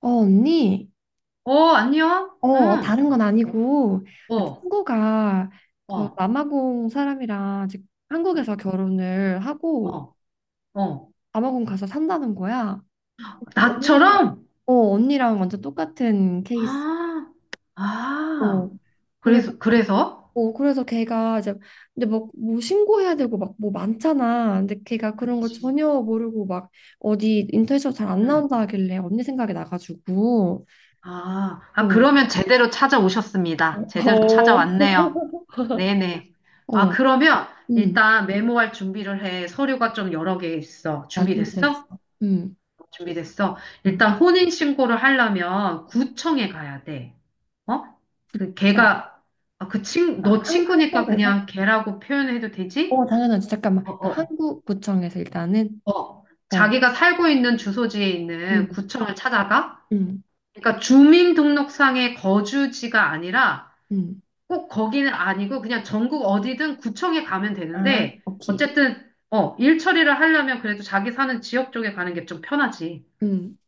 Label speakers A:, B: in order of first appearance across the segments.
A: 어, 언니?
B: 어, 안녕?
A: 어,
B: 응.
A: 다른 건 아니고,
B: 어,
A: 친구가 그
B: 어,
A: 남아공 사람이랑 지금 한국에서 결혼을 하고
B: 어, 어.
A: 남아공 가서 산다는 거야. 언니 생각,
B: 나처럼?
A: 어, 언니랑 완전 똑같은 케이스.
B: 아,
A: 어,
B: 아.
A: 그래서,
B: 그래서, 그래서?
A: 어, 그래서 걔가 이제, 근데 막, 뭐 신고해야 되고 막 뭐 많잖아. 근데 걔가 그런 걸
B: 그치.
A: 전혀 모르고 막 어디 인터넷에서 잘 안
B: 응.
A: 나온다 하길래 언니 생각이 나가지고,
B: 아, 아,
A: 어,
B: 그러면 제대로 찾아오셨습니다. 제대로
A: 어,
B: 찾아왔네요. 네네. 아,
A: 어,
B: 그러면
A: 음.
B: 일단 메모할 준비를 해. 서류가 좀 여러 개 있어.
A: 나 준비됐어.
B: 준비됐어? 준비됐어.
A: 음,
B: 일단 혼인신고를 하려면 구청에 가야 돼. 어? 그
A: 어
B: 걔가 아, 그 친,
A: 아,
B: 너
A: 한,
B: 친구니까
A: 한국에서?
B: 그냥 걔라고 표현해도
A: 어,
B: 되지?
A: 당연하지. 잠깐만.
B: 어,
A: 그러니까
B: 어,
A: 한국구청에서 일단은,
B: 어.
A: 어,
B: 자기가 살고 있는 주소지에
A: 음.
B: 있는 구청을 찾아가?
A: 음,
B: 그러니까 주민등록상의 거주지가 아니라
A: 음,
B: 꼭 거기는 아니고 그냥 전국 어디든 구청에 가면
A: 아,
B: 되는데
A: 오케이.
B: 어쨌든 어, 일 처리를 하려면 그래도 자기 사는 지역 쪽에 가는 게 좀 편하지.
A: 음,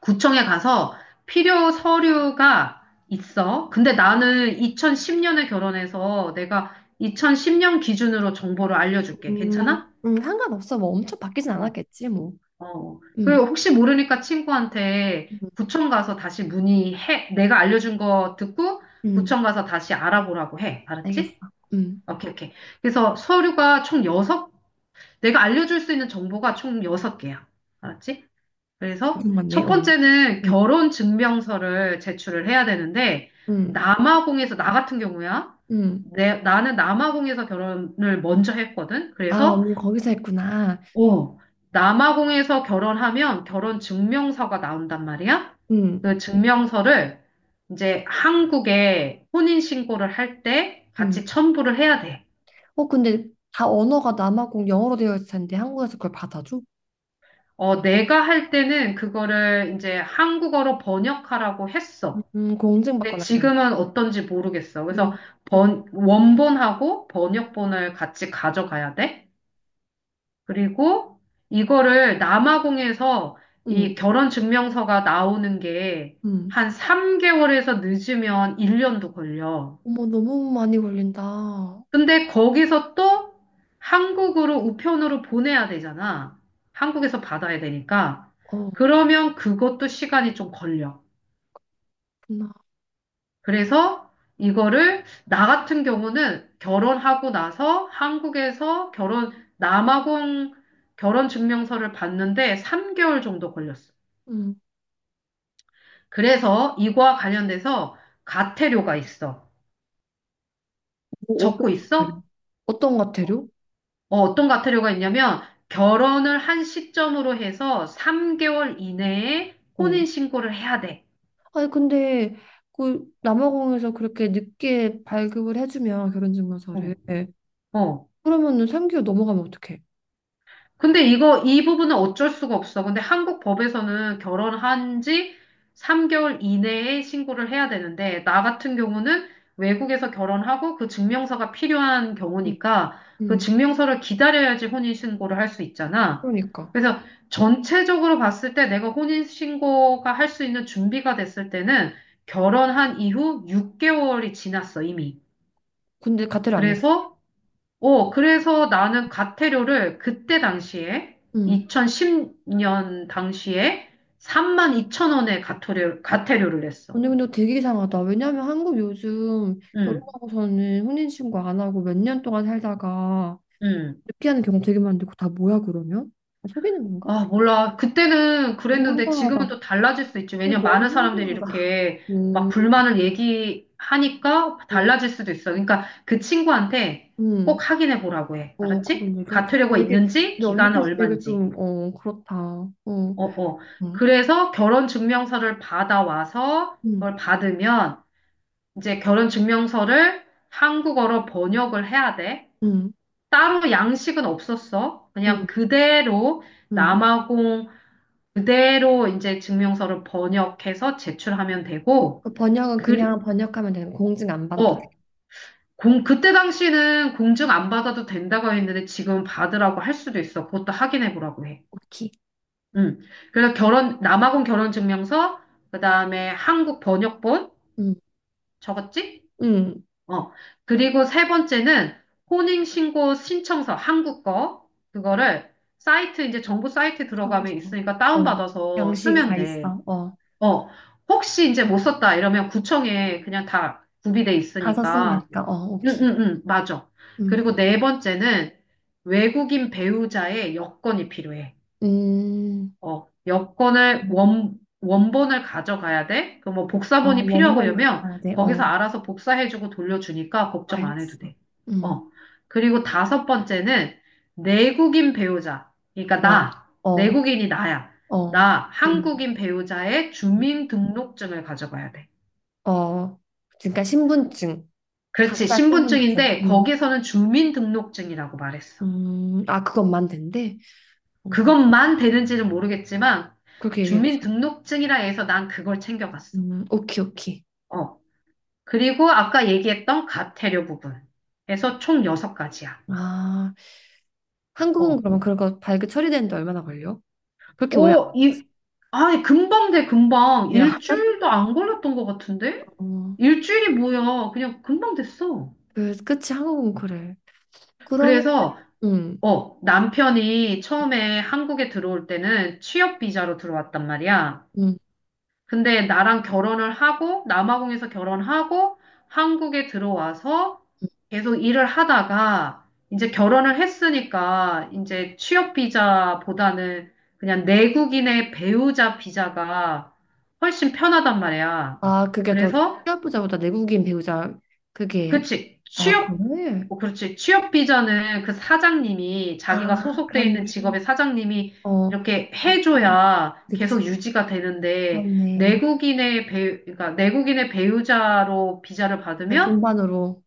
B: 구청에 가서 필요 서류가 있어. 근데 나는 2010년에 결혼해서 내가 2010년 기준으로 정보를 알려줄게. 괜찮아?
A: 상관없어. 뭐 엄청
B: 어,
A: 바뀌진
B: 어.
A: 않았겠지, 뭐.
B: 어.
A: 음,
B: 그리고 혹시 모르니까 친구한테
A: 음,
B: 구청 가서 다시 문의해. 내가 알려준 거 듣고
A: 음,
B: 구청 가서 다시 알아보라고 해.
A: 알겠어.
B: 알았지?
A: 음,
B: 오케이, 오케이. 그래서 서류가 총 여섯. 내가 알려줄 수 있는 정보가 총 6개야. 알았지? 그래서
A: 맞네,
B: 첫
A: 어.
B: 번째는
A: 음.
B: 결혼 증명서를 제출을 해야 되는데,
A: 음,
B: 남아공에서, 나 같은 경우야,
A: 음.
B: 나는 남아공에서 결혼을 먼저 했거든.
A: 아,
B: 그래서,
A: 언니 거기서 했구나.
B: 어, 남아공에서 결혼하면 결혼 증명서가 나온단 말이야.
A: 음,
B: 그 증명서를 이제 한국에 혼인신고를 할 때
A: 음.
B: 같이 첨부를 해야 돼.
A: 어, 근데 다 언어가 남아공 영어로 되어 있을 텐데 한국에서 그걸 받아줘?
B: 어, 내가 할 때는 그거를 이제 한국어로 번역하라고 했어. 근데
A: 공증받거나 그랬나?
B: 지금은 어떤지 모르겠어. 그래서
A: 음,
B: 원본하고 번역본을 같이 가져가야 돼. 그리고 이거를 남아공에서 이
A: 음.
B: 결혼 증명서가 나오는 게
A: 음.
B: 한 3개월에서 늦으면 1년도 걸려.
A: 어머, 너무 많이 걸린다. 어,
B: 근데 거기서 또 한국으로 우편으로 보내야 되잖아. 한국에서 받아야 되니까. 그러면 그것도 시간이 좀 걸려.
A: 그렇구나.
B: 그래서 이거를 나 같은 경우는 결혼하고 나서 한국에서 결혼 남아공 결혼 증명서를 받는데 3개월 정도 걸렸어.
A: 음.
B: 그래서 이거와 관련돼서 가태료가 있어.
A: 뭐 어떤
B: 적고
A: 과태료?
B: 있어?
A: 어떤 과태료?
B: 어, 어떤 가태료가 있냐면 결혼을 한 시점으로 해서 3개월 이내에
A: 어.
B: 혼인 신고를 해야 돼.
A: 아니, 근데 그 남아공에서 그렇게 늦게 발급을 해주면
B: 어,
A: 결혼증명서를
B: 어.
A: 그러면은 3개월 넘어가면 어떡해?
B: 근데 이거, 이 부분은 어쩔 수가 없어. 근데 한국 법에서는 결혼한 지 3개월 이내에 신고를 해야 되는데, 나 같은 경우는 외국에서 결혼하고 그 증명서가 필요한
A: 음,
B: 경우니까 그
A: 음.
B: 증명서를 기다려야지 혼인신고를 할 수 있잖아.
A: 그러니까.
B: 그래서 전체적으로 봤을 때 내가 혼인신고가 할 수 있는 준비가 됐을 때는 결혼한 이후 6개월이 지났어, 이미.
A: 근데 과태료 안 냈어.
B: 그래서 어, 그래서 나는 과태료를 그때 당시에,
A: 음.
B: 2010년 당시에 3 2천원의 과태료, 과태료를 냈어.
A: 언니 근데 되게 이상하다. 왜냐하면 한국 요즘
B: 응,
A: 결혼하고서는 혼인신고 안 하고 몇 년 동안 살다가
B: 응.
A: 늦게 하는 경우 되게 많은데 그거 다 뭐야 그러면? 속이는 건가?
B: 아, 몰라. 그때는
A: 되게
B: 그랬는데 지금은
A: 황당하다.
B: 또 달라질 수 있지.
A: 근데
B: 왜냐면
A: 너무
B: 많은 사람들이
A: 소중하다.
B: 이렇게 막
A: 음,
B: 불만을 얘기하니까
A: 음,
B: 달라질 수도 있어. 그러니까 그 친구한테 꼭
A: 음.
B: 확인해 보라고 해.
A: 어,
B: 알았지?
A: 그건 얘기할게.
B: 과태료가
A: 되게,
B: 있는지,
A: 근데
B: 기간은
A: 언니께서 되게
B: 얼만지.
A: 좀, 어, 그렇다. 어,
B: 어, 어.
A: 음,
B: 그래서 결혼 증명서를 받아와서
A: 음,
B: 그걸 받으면 이제 결혼 증명서를 한국어로 번역을 해야 돼.
A: 음,
B: 따로 양식은 없었어. 그냥
A: 음,
B: 그대로
A: 음.
B: 남아공 그대로 이제 증명서를 번역해서 제출하면 되고,
A: 그 번역은
B: 그,
A: 그냥 번역하면 되는 거. 공증 안 받아도 돼.
B: 어, 그때 당시는 공증 안 받아도 된다고 했는데 지금 받으라고 할 수도 있어. 그것도 확인해 보라고 해.
A: 오케이.
B: 음. 그래서 결혼, 남아공 결혼 증명서, 그 다음에 한국 번역본,
A: 음,
B: 적었지?
A: 음.
B: 어. 그리고 세 번째는 혼인신고 신청서, 한국 거. 그거를 사이트, 이제 정부 사이트 들어가면
A: 참고서.
B: 있으니까
A: 어,
B: 다운받아서
A: 양식이
B: 쓰면
A: 다
B: 돼.
A: 있어. 어,
B: 어. 혹시 이제 못 썼다 이러면 구청에 그냥 다 구비돼
A: 가서 쓰면
B: 있으니까.
A: 되니까. 어,
B: 응,
A: 오케이.
B: 응, 응, 맞아.
A: 음,
B: 그리고 네 번째는 외국인 배우자의 여권이 필요해.
A: 음.
B: 어, 여권을 원본을 가져가야 돼? 그 뭐
A: 아,
B: 복사본이 필요하고
A: 원본
B: 이러면
A: 같아야 돼.
B: 거기서
A: 어,
B: 알아서 복사해주고 돌려주니까 걱정 안 해도
A: 알겠어.
B: 돼.
A: 음,
B: 어. 그리고 다섯 번째는 내국인 배우자. 그러니까
A: 어,
B: 나,
A: 어,
B: 내국인이 나야.
A: 어.
B: 나
A: 음.
B: 한국인 배우자의 주민등록증을 가져가야 돼.
A: 어, 그러니까 신분증,
B: 그렇지.
A: 각자 신분증.
B: 신분증인데
A: 음.
B: 거기서는 주민등록증이라고 말했어.
A: 아, 그것만 된대? 음,
B: 그것만 되는지는 모르겠지만
A: 그렇게 얘기했어.
B: 주민등록증이라 해서 난 그걸 챙겨갔어.
A: 오케이, 오케이.
B: 어, 그리고 아까 얘기했던 가태료 부분에서 총 여섯 가지야
A: 아, 한국은
B: 어.
A: 그러면 그거 발급 처리되는데 얼마나 걸려? 그렇게 오래 안
B: 오, 이, 아, 금방 돼, 금방.
A: 걸려.
B: 일주일도 안 걸렸던 것 같은데?
A: 어,
B: 일주일이 뭐야. 그냥 금방 됐어.
A: 그, 그치, 한국은 그래. 그러면,
B: 그래서,
A: 음,
B: 어, 남편이 처음에 한국에 들어올 때는 취업 비자로 들어왔단 말이야.
A: 음.
B: 근데 나랑 결혼을 하고 남아공에서 결혼하고 한국에 들어와서 계속 일을 하다가 이제 결혼을 했으니까 이제 취업 비자보다는 그냥 내국인의 배우자 비자가 훨씬 편하단 말이야.
A: 아, 그게 더
B: 그래서
A: 취업부자보다 내국인 배우자, 그게,
B: 그치.
A: 아,
B: 취업,
A: 그래?
B: 어, 그렇지. 취업 비자는 그 사장님이 자기가
A: 아,
B: 소속돼 있는
A: 그렇네.
B: 직업의 사장님이
A: 어,
B: 이렇게
A: 그렇네.
B: 해줘야
A: 그치.
B: 계속 유지가 되는데
A: 그렇네.
B: 내국인의 배우, 그러니까 내국인의 배우자로 비자를
A: 그냥
B: 받으면
A: 동반으로.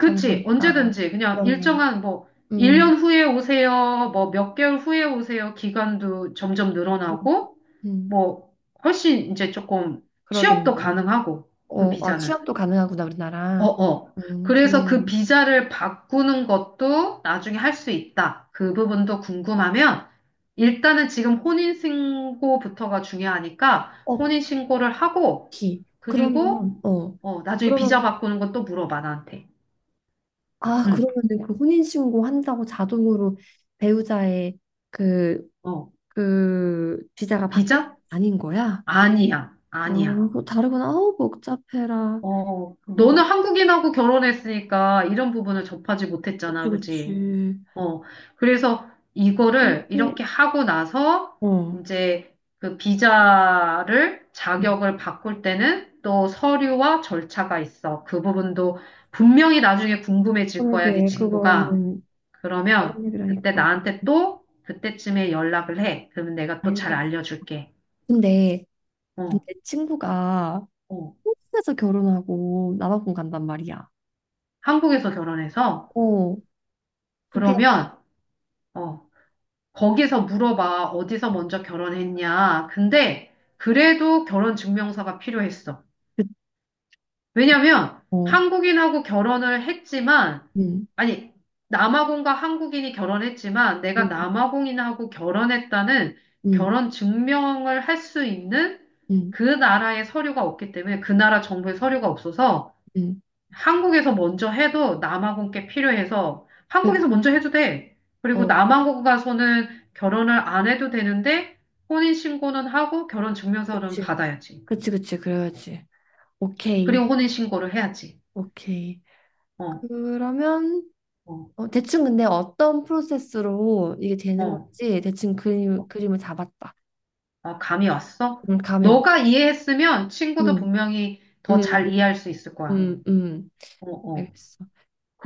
A: 가는 거니까.
B: 언제든지 그냥
A: 그렇네.
B: 일정한 뭐
A: 음,
B: 1년 후에 오세요. 뭐 몇 개월 후에 오세요. 기간도 점점
A: 음,
B: 늘어나고
A: 음,
B: 뭐 훨씬 이제 조금 취업도
A: 그러겠네.
B: 가능하고 그
A: 어, 아,
B: 비자는.
A: 취업도 가능하구나,
B: 어,
A: 우리나라.
B: 어. 그래서 그
A: 좋네.
B: 비자를 바꾸는 것도 나중에 할 수 있다. 그 부분도 궁금하면 일단은 지금 혼인신고부터가 중요하니까
A: 어,
B: 혼인신고를 하고
A: 기.
B: 그리고
A: 그러면, 어,
B: 어, 나중에 비자
A: 그러면,
B: 바꾸는 건 또 물어봐 나한테.
A: 아,
B: 응.
A: 그러면은 그 혼인신고 한다고 자동으로 배우자의 그,
B: 어.
A: 그 비자가 바뀌는 게
B: 비자?
A: 아닌 거야?
B: 아니야.
A: 아,
B: 아니야.
A: 그거 다르구나. 아우, 복잡해라.
B: 어,
A: 어,
B: 너는 한국인하고 결혼했으니까 이런 부분을 접하지
A: 그치,
B: 못했잖아. 그지?
A: 그치.
B: 어, 그래서 이거를
A: 근데,
B: 이렇게 하고 나서
A: 어,
B: 이제 그 비자를
A: 음,
B: 자격을 바꿀 때는 또 서류와 절차가 있어. 그 부분도 분명히 나중에 궁금해질 거야, 네
A: 그러게,
B: 친구가.
A: 그거는
B: 그러면
A: 다른
B: 그때
A: 얘기라니까.
B: 나한테 또 그때쯤에 연락을 해. 그러면 내가 또 잘
A: 알겠어.
B: 알려줄게.
A: 근데 내
B: 어,
A: 친구가
B: 어.
A: 한국에서 결혼하고 남아공 간단 말이야.
B: 한국에서 결혼해서
A: 어, 그게
B: 그러면 어, 거기서 물어봐. 어디서 먼저 결혼했냐. 근데 그래도 결혼 증명서가 필요했어.
A: 그,
B: 왜냐면
A: 어,
B: 한국인하고 결혼을 했지만,
A: 응,
B: 아니, 남아공과 한국인이 결혼했지만, 내가
A: 응,
B: 남아공인하고 결혼했다는
A: 응,
B: 결혼 증명을 할 수 있는
A: 응,
B: 그 나라의 서류가 없기 때문에, 그 나라 정부의 서류가 없어서,
A: 응,
B: 한국에서 먼저 해도 남아공 께 필요해서,
A: 그,
B: 한국에서 먼저 해도 돼. 그리고
A: 어,
B: 남아공 가서는 결혼을 안 해도 되는데, 혼인신고는 하고 결혼 증명서는
A: 그치,
B: 받아야지.
A: 그치, 그치, 그래야지. 오케이,
B: 그리고 혼인신고를 해야지.
A: 오케이.
B: 어,
A: 그러면
B: 어.
A: 어, 대충 근데 어떤 프로세스로 이게 되는
B: 어.
A: 건지 대충 그림을 잡았다.
B: 아, 감이 왔어?
A: 가면,
B: 너가 이해했으면 친구도
A: 응,
B: 분명히 더
A: 응,
B: 잘
A: 응,
B: 이해할 수 있을 거야.
A: 응, 응.
B: 어, 어.
A: 알겠어.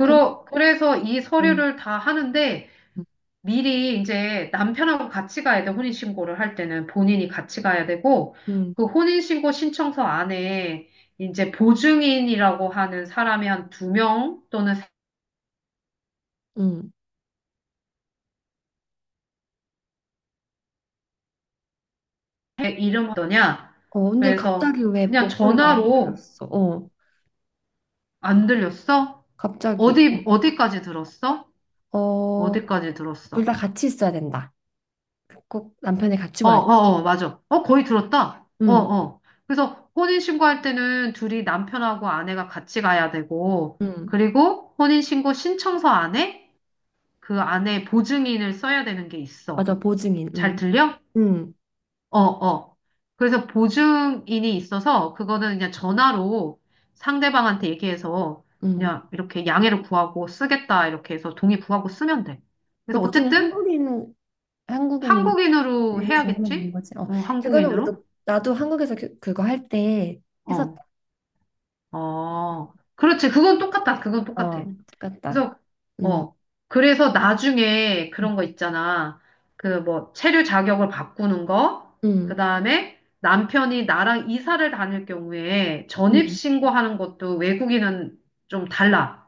A: 근데,
B: 그래서 이
A: 응,
B: 서류를 다 하는데
A: 응,
B: 미리 이제 남편하고 같이 가야 돼. 혼인신고를 할 때는 본인이 같이 가야 되고
A: 응.
B: 그 혼인신고 신청서 안에 이제 보증인이라고 하는 사람이 한 두 명 또는 세
A: 응.
B: 이름 어떠냐?
A: 어, 근데
B: 그래서
A: 갑자기 왜
B: 그냥
A: 목소리가 안
B: 전화로
A: 들렸어? 어,
B: 안 들렸어?
A: 갑자기. 어,
B: 어디, 어디까지 들었어?
A: 어,
B: 어디까지
A: 둘 다
B: 들었어?
A: 같이 있어야 된다. 꼭 남편이 같이
B: 어,
A: 와야 돼.
B: 어, 어, 맞아. 어, 거의 들었다. 어,
A: 응,
B: 어. 그래서 혼인신고할 때는 둘이 남편하고 아내가 같이 가야 되고,
A: 응.
B: 그리고 혼인신고 신청서 안에 그 안에 보증인을 써야 되는 게 있어.
A: 맞아, 보증인.
B: 잘
A: 응,
B: 들려?
A: 응,
B: 어, 어. 그래서 보증인이 있어서 그거는 그냥 전화로 상대방한테 얘기해서
A: 응.
B: 그냥 이렇게 양해를 구하고 쓰겠다 이렇게 해서 동의 구하고 쓰면 돼.
A: 그
B: 그래서
A: 보증인
B: 어쨌든
A: 한국인, 한국인
B: 한국인으로
A: 에서 하면 되는
B: 해야겠지?
A: 거지. 어,
B: 어,
A: 그거는
B: 한국인으로?
A: 우리도, 나도 한국에서 그, 그거 할 때
B: 어.
A: 했었다.
B: 어, 그렇지. 그건 똑같다. 그건 똑같아.
A: 어, 똑같다.
B: 그래서,
A: 응,
B: 어, 그래서 나중에 그런 거 있잖아. 그 뭐, 체류 자격을 바꾸는 거, 그
A: 응,
B: 다음에 남편이 나랑 이사를 다닐 경우에 전입
A: 응.
B: 신고하는 것도 외국인은 좀 달라.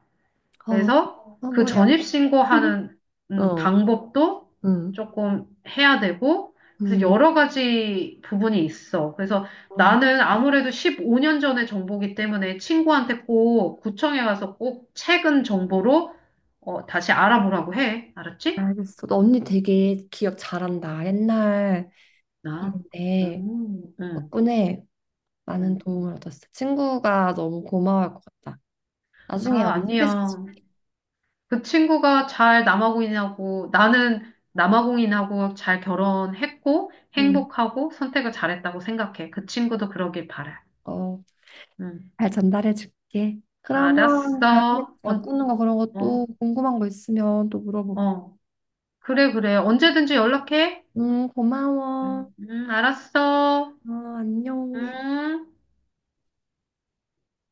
A: 어,
B: 그래서
A: 어,
B: 그
A: 머리 아파.
B: 전입신고하는
A: 어,
B: 방법도
A: 응,
B: 조금 해야 되고, 그래서
A: 응.
B: 여러 가지 부분이 있어. 그래서
A: 어,
B: 나는 아무래도 15년 전의 정보기 때문에 친구한테 꼭 구청에 가서 꼭 최근 정보로 어, 다시 알아보라고 해. 알았지?
A: 알겠어. 너 언니 되게 기억 잘한다. 옛날.
B: 나.
A: 인데
B: 음, 음,
A: 덕분에 많은
B: 음.
A: 도움을 얻었어. 친구가 너무 고마워할 것 같다. 나중에
B: 아,
A: 언니
B: 아니야.
A: 소개시켜줄게.
B: 그 친구가 잘 남아공인하고 나는 남아공인하고 잘 결혼했고
A: 응,
B: 행복하고 선택을 잘했다고 생각해. 그 친구도 그러길 바래.
A: 어,
B: 음,
A: 잘 전달해줄게. 그러면 다음에
B: 알았어.
A: 바꾸는 거 그런
B: 어,
A: 것도 궁금한 거 있으면 또 물어볼게.
B: 어. 그래, 그래. 언제든지 연락해.
A: 응, 고마워.
B: 음, 알았어.
A: 어, 안녕.
B: 음.